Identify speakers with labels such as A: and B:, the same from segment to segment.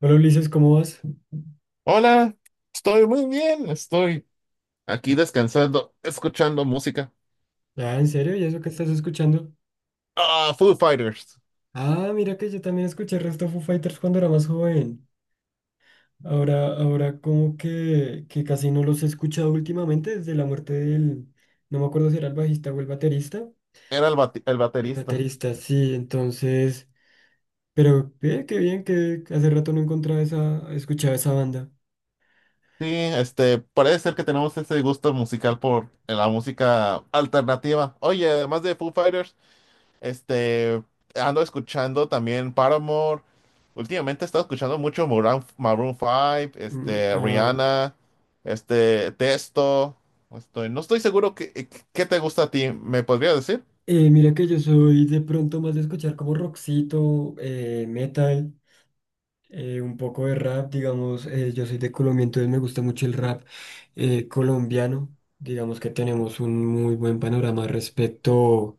A: Hola Ulises, ¿cómo vas?
B: Hola, estoy muy bien, estoy aquí descansando, escuchando música.
A: Ah, ¿en serio? ¿Y eso que estás escuchando?
B: Ah, Foo Fighters,
A: Ah, mira que yo también escuché el resto de Foo Fighters cuando era más joven. Ahora como que casi no los he escuchado últimamente desde la muerte del... No me acuerdo si era el bajista o el baterista.
B: era el
A: El
B: baterista.
A: baterista, sí, entonces... Pero qué bien que hace rato no encontraba esa... escuchaba esa banda.
B: Sí, parece ser que tenemos ese gusto musical por la música alternativa. Oye, además de Foo Fighters, este, ando escuchando también Paramore. Últimamente he estado escuchando mucho Maroon 5,
A: Mm, ah,
B: Rihanna, Testo. No estoy seguro qué te gusta a ti, ¿me podrías decir?
A: mira que yo soy de pronto más de escuchar como rockcito, metal. Un poco de rap, digamos, yo soy de Colombia, entonces me gusta mucho el rap colombiano. Digamos que tenemos un muy buen panorama respecto,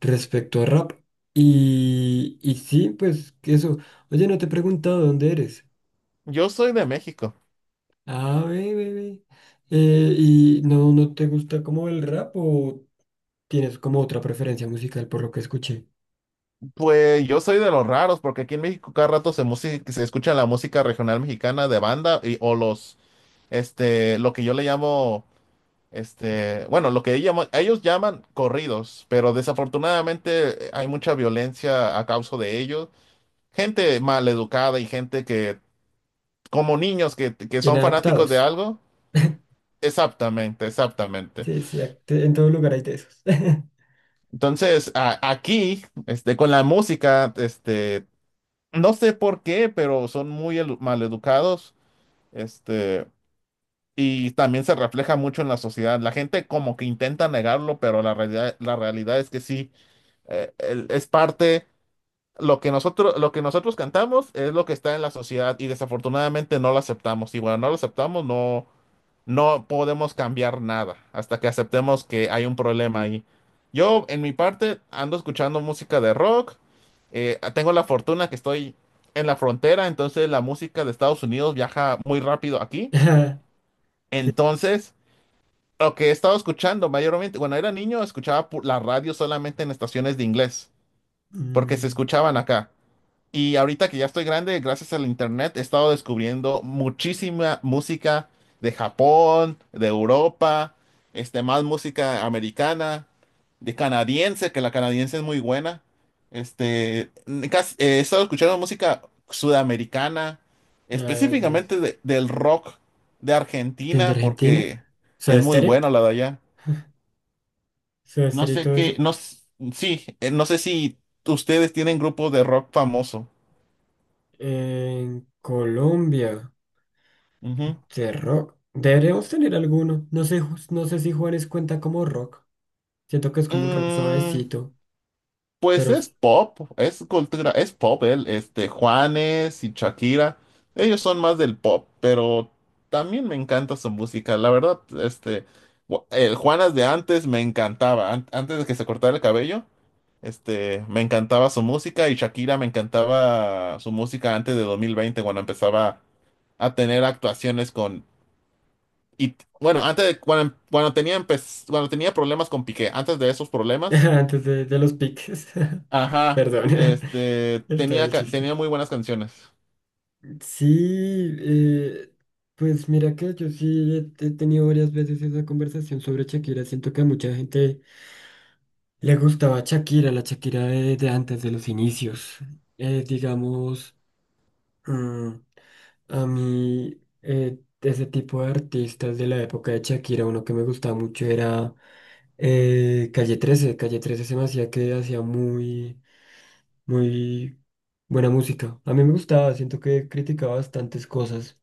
A: respecto a rap. Y sí, pues que eso. Oye, no te he preguntado dónde eres.
B: Yo soy de México.
A: Ah, ve, ve, ve. ¿Y no te gusta como el rap o tienes como otra preferencia musical por lo que escuché?
B: Pues yo soy de los raros, porque aquí en México cada rato se escucha la música regional mexicana de banda lo que yo le llamo, lo que ellos llaman corridos, pero desafortunadamente hay mucha violencia a causa de ellos. Gente maleducada y gente que, como niños que son fanáticos de
A: Inadaptados.
B: algo. Exactamente, exactamente.
A: Sí, sí, en todo lugar hay de esos.
B: Entonces, aquí, con la música. No sé por qué, pero son muy maleducados, este, y también se refleja mucho en la sociedad. La gente como que intenta negarlo, pero la realidad es que sí, es parte, lo que nosotros cantamos es lo que está en la sociedad y desafortunadamente no lo aceptamos. Y bueno, no lo aceptamos, no, no podemos cambiar nada hasta que aceptemos que hay un problema ahí. Yo, en mi parte, ando escuchando música de rock. Tengo la fortuna que estoy en la frontera, entonces la música de Estados Unidos viaja muy rápido aquí.
A: Ajá, sí.
B: Entonces, lo que he estado escuchando mayormente, cuando era niño, escuchaba la radio solamente en estaciones de inglés, porque se
A: Mm,
B: escuchaban acá. Y ahorita que ya estoy grande, gracias al internet, he estado descubriendo muchísima música de Japón, de Europa, más música americana, de canadiense, que la canadiense es muy buena. Este, he estado escuchando música sudamericana,
A: ya,
B: específicamente del rock de
A: desde
B: Argentina,
A: Argentina,
B: porque es
A: Soda
B: muy
A: Stereo,
B: buena la de allá.
A: Soda
B: No
A: Stereo y
B: sé
A: todo
B: qué,
A: eso.
B: no, s- sí, no sé si ustedes tienen grupos de rock famoso.
A: En Colombia, de rock. Deberíamos tener alguno. No sé, no sé si Juanes cuenta como rock. Siento que es como un rock
B: Mm,
A: suavecito,
B: pues
A: pero
B: es
A: s-
B: pop, es pop, él, Juanes y Shakira, ellos son más del pop, pero también me encanta su música, la verdad. El Juanes de antes me encantaba, antes de que se cortara el cabello, me encantaba su música y Shakira me encantaba su música antes de 2020, cuando empezaba a tener actuaciones con, y, bueno, antes de, cuando tenía, cuando tenía problemas con Piqué, antes de esos problemas.
A: antes de los piques.
B: Ajá,
A: Perdón, estaba
B: tenía,
A: el chiste.
B: tenía muy buenas canciones.
A: Sí, pues mira que yo sí he tenido varias veces esa conversación sobre Shakira. Siento que a mucha gente le gustaba Shakira, la Shakira de antes de los inicios. Digamos, mm, a mí, de ese tipo de artistas de la época de Shakira, uno que me gustaba mucho era Calle trece. Calle trece se me hacía que hacía muy, muy buena música. A mí me gustaba, siento que criticaba bastantes cosas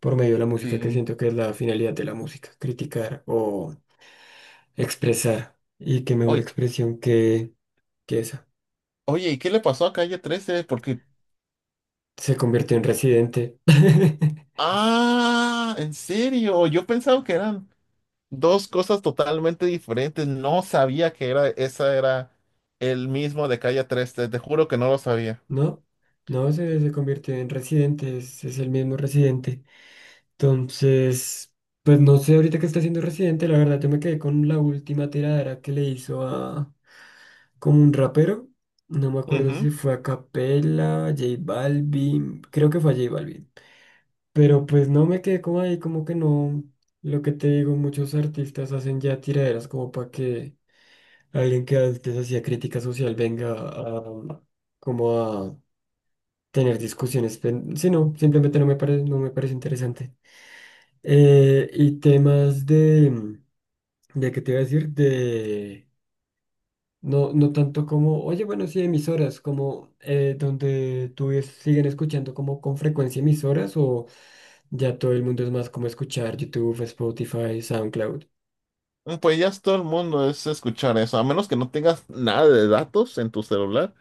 A: por medio de la música, que
B: Sí.
A: siento que es la finalidad de la música, criticar o expresar. Y qué mejor
B: Oye,
A: expresión que esa.
B: oye, ¿y qué le pasó a Calle trece? Porque,
A: Se convirtió en residente.
B: ah, ¿en serio? Yo pensaba que eran dos cosas totalmente diferentes. No sabía que era, esa era el mismo de Calle trece, te juro que no lo sabía.
A: ¿No? No, se convirtió en residente, es el mismo residente. Entonces, pues no sé ahorita qué está haciendo residente, la verdad yo me quedé con la última tiradera que le hizo a como un rapero. No me acuerdo si
B: Ujú.
A: fue a Capela, J Balvin, creo que fue a J Balvin. Pero pues no me quedé como ahí, como que no. Lo que te digo, muchos artistas hacen ya tiraderas como para que alguien que antes hacía crítica social venga a, como a tener discusiones. Sí, no, simplemente no me parece, no me parece interesante. Y temas de qué te iba a decir, de no, no tanto como, oye, bueno, sí, emisoras, como donde tú siguen escuchando como con frecuencia emisoras o ya todo el mundo es más como escuchar YouTube, Spotify, SoundCloud.
B: Pues ya todo el mundo es escuchar eso, a menos que no tengas nada de datos en tu celular,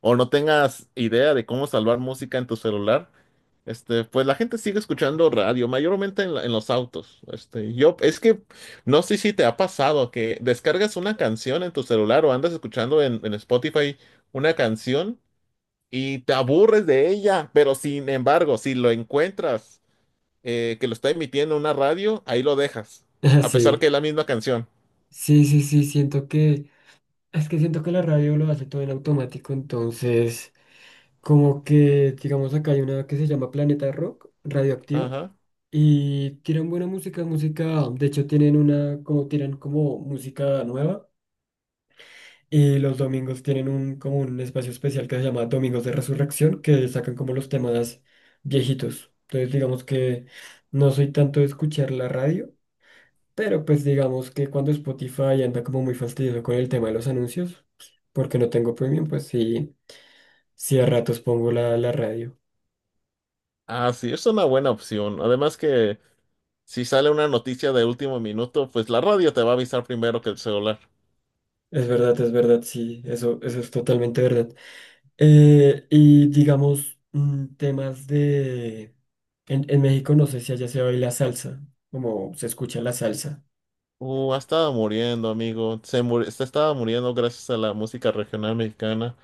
B: o no tengas idea de cómo salvar música en tu celular. Pues la gente sigue escuchando radio, mayormente en los autos. Es que no sé si te ha pasado que descargas una canción en tu celular o andas escuchando en Spotify una canción y te aburres de ella, pero sin embargo, si lo encuentras que lo está emitiendo una radio, ahí lo dejas,
A: Ah,
B: a pesar que
A: sí,
B: es la misma canción.
A: sí, siento que es que siento que la radio lo hace todo en automático, entonces como que, digamos, acá hay una que se llama Planeta Rock, Radioactiva,
B: Ajá.
A: y tiran buena música, música, de hecho tienen una, como tiran como música nueva, y los domingos tienen un, como un espacio especial que se llama Domingos de Resurrección, que sacan como los temas viejitos. Entonces digamos que no soy tanto de escuchar la radio, pero pues digamos que cuando Spotify anda como muy fastidioso con el tema de los anuncios, porque no tengo premium, pues sí, sí a ratos pongo la radio.
B: Ah, sí, es una buena opción. Además que, si sale una noticia de último minuto, pues la radio te va a avisar primero que el celular.
A: Es verdad, sí, eso es totalmente verdad. Y digamos, mm, temas de... En México no sé si allá se baila salsa, como se escucha la salsa.
B: Ha estado muriendo, amigo. Se estaba muriendo gracias a la música regional mexicana.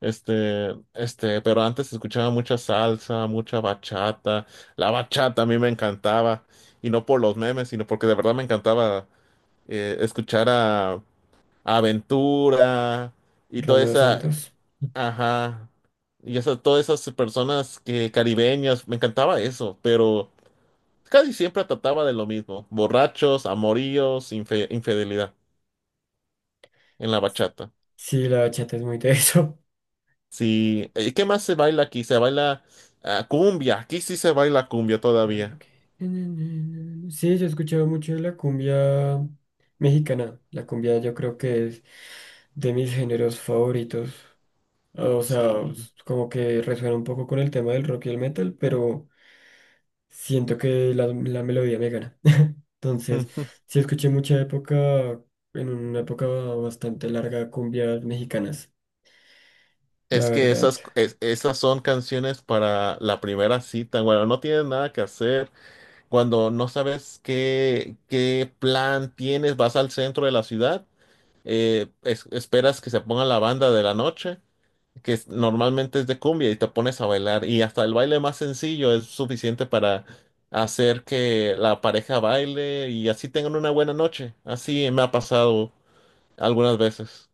B: Pero antes escuchaba mucha salsa, mucha bachata. La bachata a mí me encantaba. Y no por los memes, sino porque de verdad me encantaba eh, escuchar a, a Aventura y toda
A: Romeo
B: esa,
A: Santos.
B: ajá, y esa, todas esas personas que caribeñas. Me encantaba eso, pero casi siempre trataba de lo mismo: borrachos, amoríos, infidelidad en la bachata.
A: Sí, la bachata es muy de eso.
B: Sí, ¿y qué más se baila aquí? Cumbia, aquí sí se baila cumbia
A: Ah,
B: todavía.
A: ok. Sí, yo he escuchado mucho de la cumbia mexicana. La cumbia yo creo que es de mis géneros favoritos. O sea,
B: Sí.
A: como que resuena un poco con el tema del rock y el metal, pero siento que la melodía me gana. Entonces, sí escuché mucha época, en una época bastante larga, cumbias mexicanas, la
B: Es que
A: verdad.
B: esas son canciones para la primera cita. Bueno, no tienes nada que hacer. Cuando no sabes qué plan tienes, vas al centro de la ciudad, esperas que se ponga la banda de la noche, normalmente es de cumbia, y te pones a bailar, y hasta el baile más sencillo es suficiente para hacer que la pareja baile y así tengan una buena noche. Así me ha pasado algunas veces.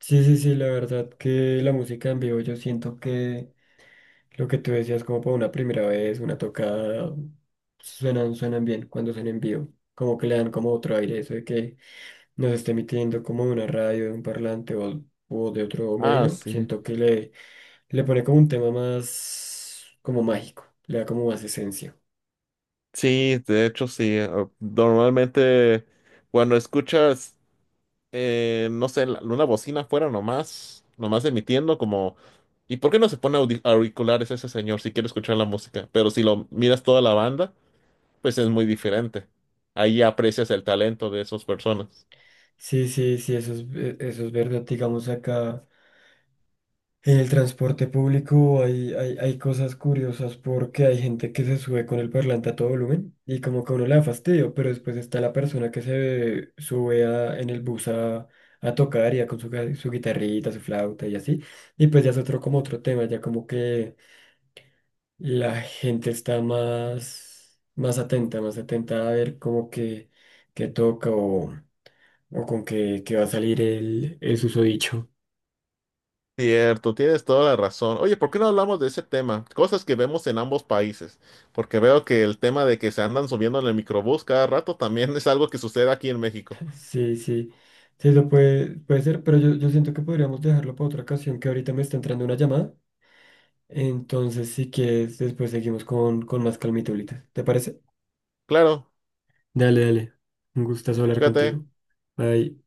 A: Sí, sí, sí, la verdad que la música en vivo yo siento que lo que tú decías como para una primera vez, una tocada, suenan, suenan bien cuando son en vivo. Como que le dan como otro aire, eso de que nos esté emitiendo como de una radio, de un parlante o de otro
B: Ah,
A: medio.
B: sí.
A: Siento que le pone como un tema más como mágico, le da como más esencia.
B: Sí, de hecho sí. Ah, normalmente cuando escuchas, no sé, una bocina afuera nomás, nomás emitiendo como... ¿Y por qué no se pone auriculares ese señor si quiere escuchar la música? Pero si lo miras toda la banda, pues es muy diferente. Ahí aprecias el talento de esas personas.
A: Sí, sí, sí, eso es verdad, digamos acá. En el transporte público hay cosas curiosas porque hay gente que se sube con el parlante a todo volumen y como que a uno le da fastidio, pero después está la persona que se sube en el bus a tocar ya con su, su guitarrita, su flauta y así. Y pues ya es otro como otro tema, ya como que la gente está más, más atenta a ver como que toca o con que va a salir el susodicho.
B: Cierto, tienes toda la razón. Oye, ¿por qué no hablamos de ese tema? Cosas que vemos en ambos países, porque veo que el tema de que se andan subiendo en el microbús cada rato también es algo que sucede aquí en México.
A: Sí, sí, sí, lo puede, puede ser, pero yo siento que podríamos dejarlo para otra ocasión, que ahorita me está entrando una llamada. Entonces, si quieres, después seguimos con más calmita ahorita. ¿Te parece?
B: Claro,
A: Dale, dale. Un gustazo hablar
B: cuídate.
A: contigo. Bye.